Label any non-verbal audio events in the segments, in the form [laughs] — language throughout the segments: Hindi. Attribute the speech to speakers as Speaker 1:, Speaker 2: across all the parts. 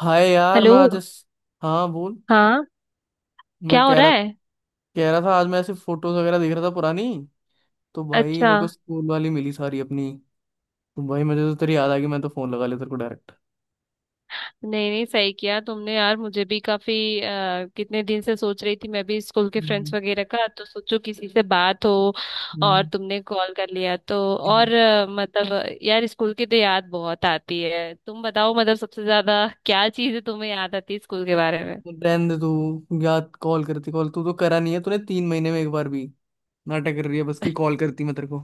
Speaker 1: हाय यार,
Speaker 2: हेलो।
Speaker 1: मैं आज इस। हाँ बोल।
Speaker 2: हाँ,
Speaker 1: मैं
Speaker 2: क्या हो रहा है?
Speaker 1: कह रहा था आज मैं ऐसे फोटोज वगैरह देख रहा था पुरानी। तो भाई
Speaker 2: अच्छा।
Speaker 1: मेरे को स्कूल वाली मिली सारी अपनी। तो भाई मुझे तो तेरी याद आ गई, मैं तो फोन लगा लिया तेरे को डायरेक्ट।
Speaker 2: नहीं नहीं, सही किया तुमने यार, मुझे भी काफी कितने दिन से सोच रही थी, मैं भी स्कूल के
Speaker 1: हम्म।
Speaker 2: फ्रेंड्स वगैरह का तो सोचो किसी से बात हो। और
Speaker 1: हम्म।
Speaker 2: तुमने कॉल कर लिया तो। और मतलब यार स्कूल की तो याद बहुत आती है। तुम बताओ मतलब सबसे ज्यादा क्या चीज़ तुम्हें याद आती है स्कूल के बारे में।
Speaker 1: तो रहने दे तू, याद कॉल करती, कॉल तू तो करा नहीं है तूने 3 महीने में एक बार भी। नाटक कर रही है बस, की कॉल करती मैं तेरे को।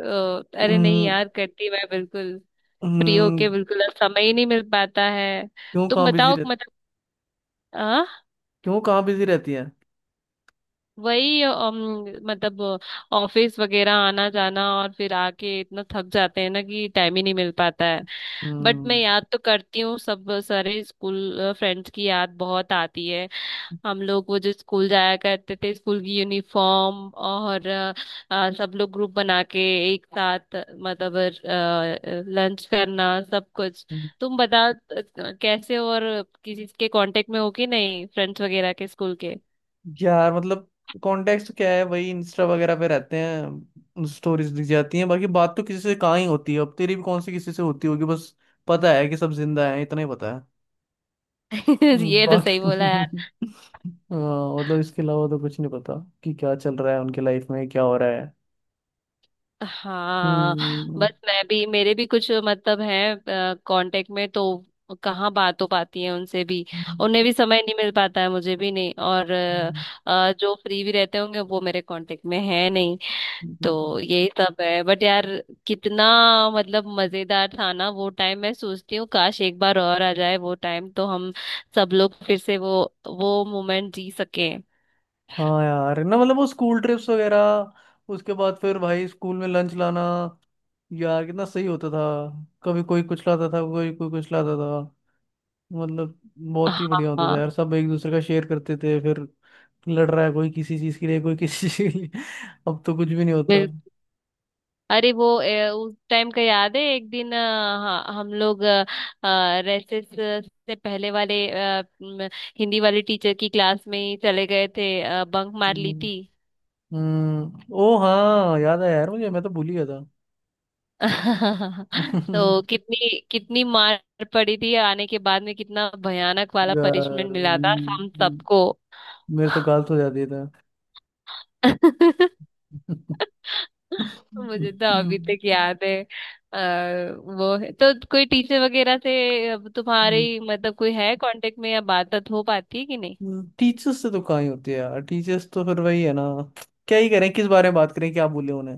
Speaker 2: तो अरे नहीं
Speaker 1: हम्म।
Speaker 2: यार, करती मैं बिल्कुल। फ्री होके
Speaker 1: हम्म।
Speaker 2: बिल्कुल, अब समय ही नहीं मिल पाता है।
Speaker 1: क्यों?
Speaker 2: तुम
Speaker 1: कहाँ बिजी
Speaker 2: बताओ
Speaker 1: रहती?
Speaker 2: मतलब। हाँ,
Speaker 1: क्यों? कहाँ बिजी रहती है?
Speaker 2: वही मतलब ऑफिस वगैरह आना जाना, और फिर आके इतना थक जाते हैं ना कि टाइम ही नहीं मिल पाता है। बट मैं
Speaker 1: हम्म।
Speaker 2: याद तो करती हूँ, सब सारे स्कूल फ्रेंड्स की याद बहुत आती है। हम लोग वो जो स्कूल जाया करते थे, स्कूल की यूनिफॉर्म, और सब लोग ग्रुप बना के एक साथ मतलब लंच करना सब कुछ। तुम बता कैसे हो, और किसी के कांटेक्ट में हो कि नहीं, फ्रेंड्स वगैरह के स्कूल के।
Speaker 1: यार, मतलब। कॉन्टेक्स्ट क्या है? वही इंस्टा वगैरह पे रहते हैं, स्टोरीज दिख जाती हैं। बाकी बात तो किसी से कहाँ ही होती है, अब तेरी भी कौन सी किसी से होती होगी बस। पता है कि सब जिंदा हैं, इतना ही पता है।
Speaker 2: [laughs] ये तो सही
Speaker 1: बाकी
Speaker 2: बोला।
Speaker 1: [laughs] हाँ, मतलब इसके अलावा तो कुछ नहीं पता। कि क्या चल रहा है उनके लाइफ में, क्या हो रहा है।
Speaker 2: हाँ,
Speaker 1: हम्म। हम्म।
Speaker 2: बस मैं भी, मेरे भी कुछ मतलब हैं कांटेक्ट में तो, कहाँ बात हो पाती है उनसे भी।
Speaker 1: हम्म।
Speaker 2: उन्हें भी समय नहीं मिल पाता है, मुझे भी नहीं। और
Speaker 1: हम्म।
Speaker 2: जो फ्री भी रहते होंगे वो मेरे कांटेक्ट में है नहीं।
Speaker 1: हम्म। हम्म। हम्म।
Speaker 2: तो यही सब है। बट यार कितना मतलब मजेदार था ना वो टाइम, मैं सोचती हूँ काश एक बार और आ जाए वो टाइम तो हम सब लोग फिर से वो मोमेंट जी सके।
Speaker 1: हाँ यार, ना मतलब वो स्कूल ट्रिप्स वगैरह। उसके बाद फिर भाई स्कूल में लंच लाना। यार, कितना सही होता था। कभी कोई कुछ लाता था, कोई कोई कुछ लाता था। मतलब बहुत ही बढ़िया होता था
Speaker 2: हाँ
Speaker 1: यार, सब एक दूसरे का शेयर करते थे फिर। लड़ रहा है कोई किसी चीज के लिए, कोई [laughs] किसी चीज के लिए। अब तो कुछ भी नहीं होता।
Speaker 2: बिल्कुल। अरे वो उस टाइम का याद है? एक दिन हाँ, हम लोग रेसेस से पहले वाले हिंदी वाले टीचर की क्लास में ही चले गए थे, बंक मार ली
Speaker 1: हम्म।
Speaker 2: थी।
Speaker 1: ओ हाँ, याद आया यार मुझे, मैं तो भूल ही गया था।
Speaker 2: [laughs] तो
Speaker 1: [laughs]
Speaker 2: कितनी कितनी मार पड़ी थी आने के बाद में, कितना भयानक वाला
Speaker 1: यार,
Speaker 2: पनिशमेंट मिला था हम सबको।
Speaker 1: मेरे तो गाल तो जाती था।
Speaker 2: [laughs] मुझे तो अभी तक याद है। आ, वो है तो कोई टीचर वगैरह से अब तुम्हारी
Speaker 1: [laughs]
Speaker 2: मतलब कोई है कांटेक्ट में या बात हो पाती है कि नहीं?
Speaker 1: टीचर्स से तो कहाँ ही होती है यार, टीचर्स तो फिर वही है ना। क्या ही करें, किस बारे में बात करें, क्या बोले उन्हें।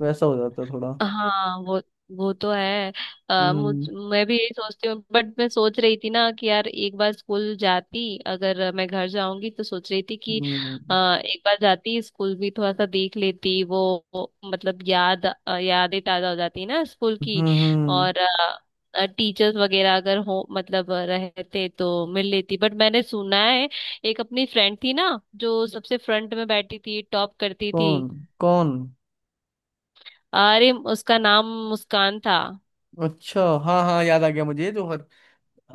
Speaker 1: वैसा हो जाता है थोड़ा।
Speaker 2: हाँ वो तो है। आ, मुझ
Speaker 1: हम्म।
Speaker 2: मैं भी यही सोचती हूँ। बट मैं सोच रही थी ना कि यार एक बार स्कूल जाती, अगर मैं घर जाऊंगी तो सोच रही थी कि
Speaker 1: हम्म।
Speaker 2: अ, एक बार जाती, स्कूल भी थोड़ा सा देख लेती, वो मतलब याद यादें ताजा हो जाती ना स्कूल की।
Speaker 1: हम्म। हम्म।
Speaker 2: और टीचर्स वगैरह अगर हो मतलब रहते तो मिल लेती। बट मैंने सुना है, एक अपनी फ्रेंड थी ना, जो सबसे फ्रंट में बैठी थी, टॉप करती थी।
Speaker 1: कौन? कौन?
Speaker 2: अरे उसका नाम मुस्कान था।
Speaker 1: अच्छा, हाँ हाँ, याद आ गया मुझे, जो हर।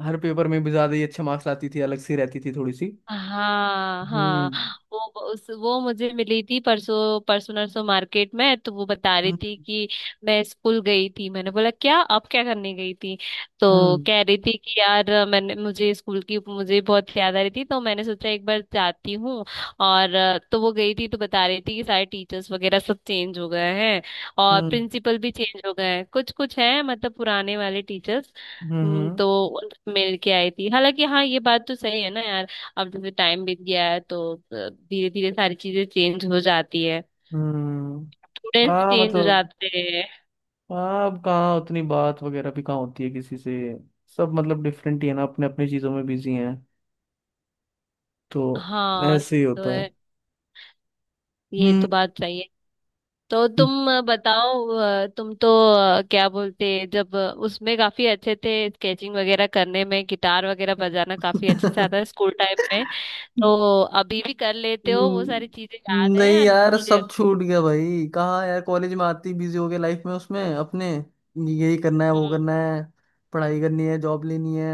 Speaker 1: हर पेपर में भी ज्यादा ही अच्छे मार्क्स लाती थी, अलग सी रहती थी थोड़ी सी।
Speaker 2: हाँ हाँ।
Speaker 1: हम्म।
Speaker 2: वो उस वो मुझे मिली थी परसों परसों नरसों मार्केट में, तो वो बता रही थी
Speaker 1: हम्म।
Speaker 2: कि मैं स्कूल गई थी। मैंने बोला क्या आप क्या करने गई थी, तो
Speaker 1: हम्म।
Speaker 2: कह रही थी कि यार मैंने मुझे स्कूल की, मुझे बहुत याद आ रही थी तो मैंने सोचा एक बार जाती हूँ। और तो वो गई थी तो बता रही थी कि सारे टीचर्स वगैरह सब चेंज हो गए हैं। और
Speaker 1: हम्म।
Speaker 2: प्रिंसिपल भी चेंज हो गए हैं, कुछ कुछ हैं मतलब पुराने वाले टीचर्स।
Speaker 1: हम्म।
Speaker 2: तो मिल के आई थी। हालांकि हाँ ये बात तो सही है ना यार, अब जैसे टाइम बीत गया है तो धीरे धीरे सारी चीजें चेंज हो जाती है।
Speaker 1: हम्म।
Speaker 2: स्टूडेंट्स
Speaker 1: हाँ,
Speaker 2: चेंज हो
Speaker 1: मतलब।
Speaker 2: जाते हैं।
Speaker 1: हाँ, अब कहाँ उतनी बात वगैरह भी कहाँ होती है किसी से। सब मतलब डिफरेंट ही है ना, अपने अपने चीजों में बिजी हैं। तो
Speaker 2: हाँ ये
Speaker 1: ऐसे ही
Speaker 2: तो
Speaker 1: होता है।
Speaker 2: है, ये
Speaker 1: हम्म।
Speaker 2: तो बात सही है। तो तुम बताओ तुम तो क्या बोलते हैं, जब उसमें काफी अच्छे थे, स्केचिंग वगैरह करने में, गिटार वगैरह बजाना काफी अच्छे से आता है स्कूल टाइम में। तो अभी भी कर लेते हो वो सारी चीजें,
Speaker 1: हम्म,
Speaker 2: याद है
Speaker 1: नहीं
Speaker 2: या
Speaker 1: यार,
Speaker 2: भूल गए?
Speaker 1: सब छूट गया भाई, कहाँ यार, कॉलेज में आती बिजी हो गया लाइफ में, उसमें अपने यही करना है, वो
Speaker 2: हम्म।
Speaker 1: करना है। पढ़ाई करनी है, जॉब लेनी है।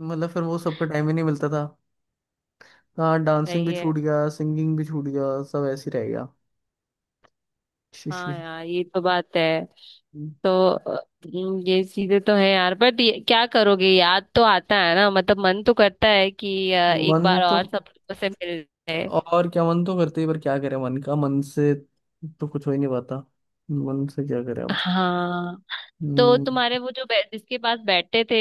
Speaker 1: मतलब फिर वो सबका टाइम ही नहीं मिलता था। कहाँ, डांसिंग
Speaker 2: सही
Speaker 1: भी
Speaker 2: है।
Speaker 1: छूट गया, सिंगिंग भी छूट गया, सब ऐसे ही रह गया। [laughs] She, she.
Speaker 2: हाँ यार ये तो बात है। तो ये चीजें तो है यार। बट क्या करोगे, याद तो आता है ना मतलब, मन तो करता है कि एक
Speaker 1: मन
Speaker 2: बार
Speaker 1: तो।
Speaker 2: और सब लोगों से मिल जाए।
Speaker 1: और क्या, मन तो करते ही, पर क्या करें, मन का मन से। तो कुछ हो ही नहीं पाता। मन से क्या करें अब।
Speaker 2: हाँ। तो
Speaker 1: हम्म।
Speaker 2: तुम्हारे वो जो जिसके पास बैठते थे,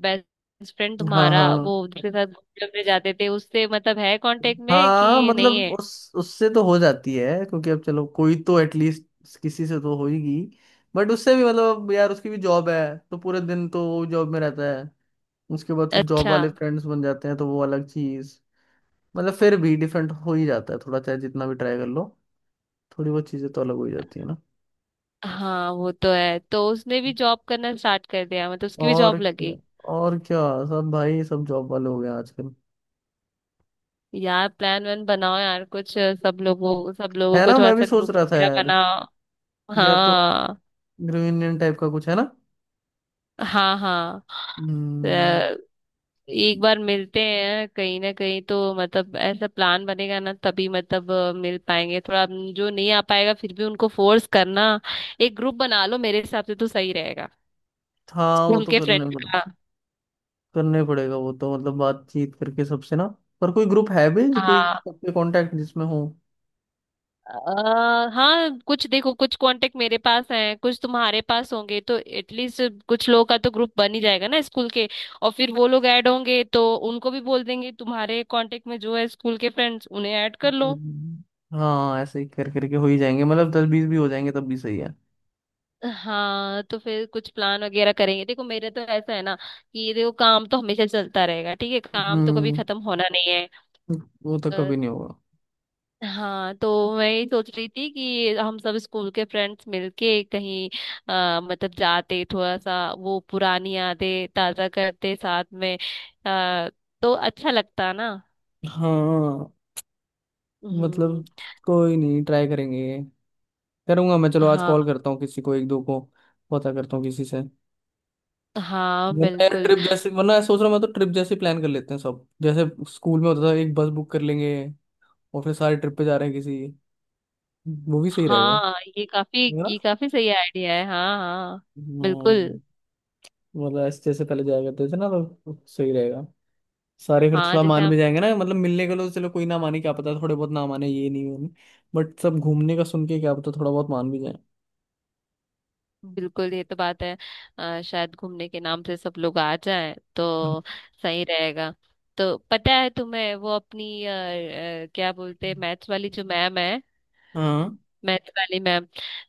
Speaker 2: बेस्ट फ्रेंड
Speaker 1: हाँ
Speaker 2: तुम्हारा,
Speaker 1: हाँ।
Speaker 2: वो जिसके साथ घूमने उमने जाते थे, उससे मतलब है कांटेक्ट में
Speaker 1: हाँ,
Speaker 2: कि नहीं
Speaker 1: मतलब
Speaker 2: है?
Speaker 1: उस उससे तो हो जाती है, क्योंकि अब चलो, कोई तो एटलीस्ट। किसी से तो होगी। बट उससे भी मतलब यार, उसकी भी जॉब है तो पूरे दिन तो वो जॉब में रहता है। उसके बाद फिर जॉब
Speaker 2: अच्छा।
Speaker 1: वाले फ्रेंड्स बन जाते हैं, तो वो अलग चीज। मतलब फिर भी डिफरेंट हो ही जाता है थोड़ा, चाहे जितना भी ट्राई कर लो। थोड़ी बहुत चीजें तो अलग हो ही जाती है ना।
Speaker 2: हाँ वो तो है, तो उसने भी जॉब करना स्टार्ट कर दिया मतलब, उसकी भी
Speaker 1: और
Speaker 2: जॉब
Speaker 1: क्या।
Speaker 2: लगी।
Speaker 1: और क्या। सब भाई, सब जॉब वाले हो गए हैं आजकल।
Speaker 2: यार प्लान वन बनाओ यार कुछ, सब लोगों
Speaker 1: है
Speaker 2: को
Speaker 1: ना,
Speaker 2: थोड़ा
Speaker 1: मैं भी
Speaker 2: सा
Speaker 1: सोच
Speaker 2: ग्रुप
Speaker 1: रहा था
Speaker 2: वगैरह
Speaker 1: यार।
Speaker 2: बनाओ।
Speaker 1: या तो।
Speaker 2: हाँ
Speaker 1: ग्रीन इंडियन टाइप का कुछ है ना।
Speaker 2: हाँ हाँ। अ,
Speaker 1: हम्म।
Speaker 2: एक बार मिलते हैं कहीं ना कहीं तो मतलब, ऐसा प्लान बनेगा ना तभी मतलब मिल पाएंगे थोड़ा। जो नहीं आ पाएगा फिर भी उनको फोर्स करना, एक ग्रुप बना लो, मेरे हिसाब से तो सही रहेगा।
Speaker 1: हाँ, वो
Speaker 2: स्कूल
Speaker 1: तो
Speaker 2: के [laughs] फ्रेंड्स का।
Speaker 1: करने पड़ेगा वो तो, मतलब बातचीत करके सबसे ना। पर कोई ग्रुप है भी, जो कोई
Speaker 2: हाँ
Speaker 1: सबके कांटेक्ट जिसमें हो?
Speaker 2: हाँ कुछ देखो, कुछ कांटेक्ट मेरे पास हैं, कुछ तुम्हारे पास होंगे, तो एटलीस्ट कुछ लोगों का तो ग्रुप बन ही जाएगा ना स्कूल के। और फिर वो लोग ऐड होंगे तो उनको भी बोल देंगे तुम्हारे कांटेक्ट में जो है स्कूल के फ्रेंड्स उन्हें ऐड कर लो।
Speaker 1: हम्म। हाँ, ऐसे ही कर करके हो ही जाएंगे, मतलब 10 20 भी हो जाएंगे तब भी सही है।
Speaker 2: हाँ तो फिर कुछ प्लान वगैरह करेंगे। देखो मेरे तो ऐसा है ना कि ये देखो, काम तो हमेशा चलता रहेगा, ठीक है, काम तो कभी
Speaker 1: हम्म।
Speaker 2: खत्म होना नहीं है।
Speaker 1: वो तो
Speaker 2: अ,
Speaker 1: कभी नहीं होगा।
Speaker 2: हाँ तो मैं यही सोच रही थी कि हम सब स्कूल के फ्रेंड्स मिलके कहीं मतलब जाते, थोड़ा सा वो पुरानी यादें ताजा करते साथ में। अ, तो अच्छा लगता ना।
Speaker 1: हाँ,
Speaker 2: हम्म।
Speaker 1: मतलब। कोई नहीं, ट्राई करेंगे ये। करूंगा मैं, चलो आज कॉल
Speaker 2: हाँ
Speaker 1: करता हूँ किसी को, एक दो को। पता करता हूँ किसी से।
Speaker 2: हाँ
Speaker 1: वरना यार
Speaker 2: बिल्कुल।
Speaker 1: ट्रिप जैसे, वरना सोच रहा हूँ मैं, तो ट्रिप जैसे प्लान कर लेते हैं सब, जैसे स्कूल में होता था। एक बस बुक कर लेंगे और फिर सारे ट्रिप पे जा रहे हैं, किसी मूवी सही रहेगा।
Speaker 2: हाँ, ये काफी,
Speaker 1: है ना।
Speaker 2: ये काफी सही आइडिया है। हाँ हाँ
Speaker 1: हम्म।
Speaker 2: बिल्कुल।
Speaker 1: मतलब ऐसे जैसे पहले जाया करते थे ना, तो सही रहेगा। सारे फिर
Speaker 2: हाँ
Speaker 1: थोड़ा
Speaker 2: जैसे
Speaker 1: मान
Speaker 2: हम।
Speaker 1: भी जाएंगे ना, मतलब मिलने के लिए। तो चलो, कोई ना माने क्या पता, थोड़े बहुत ना माने, ये नहीं होने। बट सब घूमने का सुन के क्या पता थोड़ा बहुत मान भी जाए।
Speaker 2: बिल्कुल, ये तो बात है। शायद घूमने के नाम से सब लोग आ जाएं तो सही रहेगा। तो पता है तुम्हें वो अपनी क्या बोलते हैं, मैथ्स वाली जो मैम है,
Speaker 1: हाँ,
Speaker 2: मैथ वाली मैम,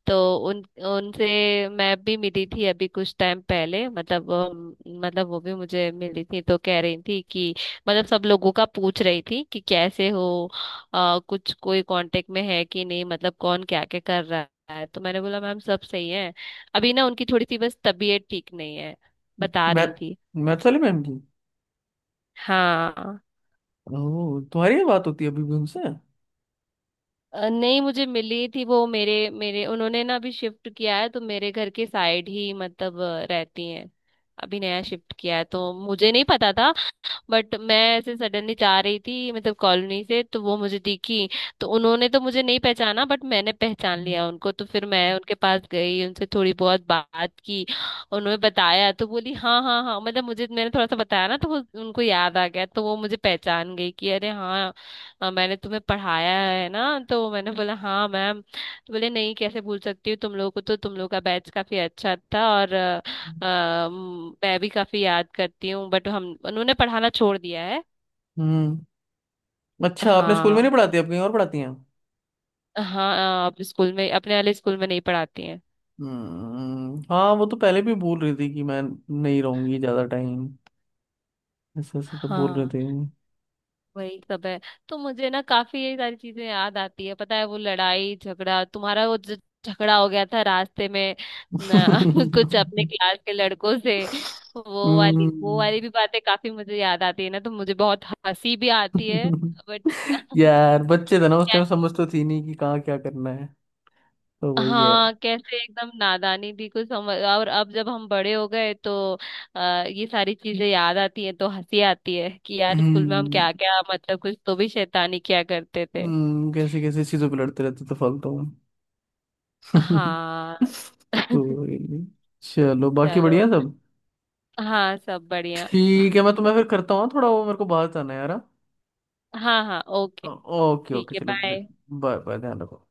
Speaker 2: तो उन उनसे मैं भी मिली थी अभी कुछ टाइम पहले मतलब। मतलब वो भी मुझे मिली थी तो कह रही थी कि, मतलब सब लोगों का पूछ रही थी कि कैसे हो, कुछ कोई कांटेक्ट में है कि नहीं, मतलब कौन क्या क्या कर रहा है। तो मैंने बोला मैम सब सही है। अभी ना उनकी थोड़ी सी बस तबीयत ठीक नहीं है बता
Speaker 1: मैथ
Speaker 2: रही थी।
Speaker 1: मैथ वाले मैम की?
Speaker 2: हाँ।
Speaker 1: ओह, तुम्हारी ये बात होती है अभी भी उनसे?
Speaker 2: नहीं, मुझे मिली थी वो। मेरे मेरे उन्होंने ना अभी शिफ्ट किया है तो मेरे घर के साइड ही मतलब रहती हैं। अभी नया शिफ्ट किया है तो मुझे नहीं पता था। बट मैं ऐसे सडनली जा रही थी मतलब कॉलोनी से, तो वो मुझे दिखी। तो उन्होंने तो मुझे नहीं पहचाना, बट मैंने पहचान लिया उनको। तो फिर मैं उनके पास गई, उनसे थोड़ी बहुत बात की, उन्होंने बताया तो बोली हाँ हाँ हाँ मतलब, मुझे मैंने थोड़ा सा बताया ना तो वो उनको याद आ गया तो वो मुझे पहचान गई कि अरे हाँ मैंने तुम्हें पढ़ाया है ना। तो मैंने बोला हाँ मैम। तो बोले नहीं कैसे भूल सकती हूँ तुम लोगों को, तो तुम लोग का बैच काफी अच्छा था और मैं भी काफी याद करती हूँ। बट हम उन्होंने पढ़ाना छोड़ दिया है।
Speaker 1: हम्म। अच्छा, आपने स्कूल में नहीं
Speaker 2: हाँ।
Speaker 1: पढ़ाती, आप कहीं और पढ़ाती हैं?
Speaker 2: हाँ अब स्कूल में, अपने वाले स्कूल में नहीं पढ़ाती हैं।
Speaker 1: हम्म, हाँ वो तो पहले भी बोल रही थी कि मैं नहीं रहूंगी ज्यादा टाइम। ऐसा ऐसा तो बोल रहे
Speaker 2: हाँ
Speaker 1: थे।
Speaker 2: वही सब है। तो मुझे ना काफी ये सारी चीजें याद आती है, पता है वो लड़ाई झगड़ा तुम्हारा, वो जो झगड़ा हो गया था रास्ते में ना, [laughs] कुछ अपने क्लास के लड़कों से, वो
Speaker 1: हम्म।
Speaker 2: वाली भी बातें काफी मुझे याद आती है ना, तो मुझे बहुत हंसी भी आती है। बट
Speaker 1: [laughs] यार बच्चे थे ना उस टाइम, समझ तो थी नहीं कि कहाँ क्या करना है। तो वही है।
Speaker 2: हाँ कैसे एकदम नादानी थी, कुछ समझ। और अब जब हम बड़े हो गए तो ये सारी चीजें याद आती है तो हंसी आती है कि यार स्कूल में हम
Speaker 1: हम्म।
Speaker 2: क्या क्या मतलब कुछ तो भी शैतानी किया करते थे।
Speaker 1: कैसे कैसे चीजों पे लड़ते रहते थे फालतू में। [laughs]
Speaker 2: हाँ।
Speaker 1: तो
Speaker 2: [laughs]
Speaker 1: वही। चलो, बाकी
Speaker 2: चलो।
Speaker 1: बढ़िया सब।
Speaker 2: हाँ सब बढ़िया।
Speaker 1: ठीक है, मैं तुम्हें फिर करता हूँ, थोड़ा वो मेरे को बाहर जाना है यार।
Speaker 2: हाँ हाँ ओके।
Speaker 1: हाँ? ओके,
Speaker 2: ठीक
Speaker 1: ओके
Speaker 2: है
Speaker 1: चलो।
Speaker 2: बाय।
Speaker 1: बाय बाय, ध्यान रखो।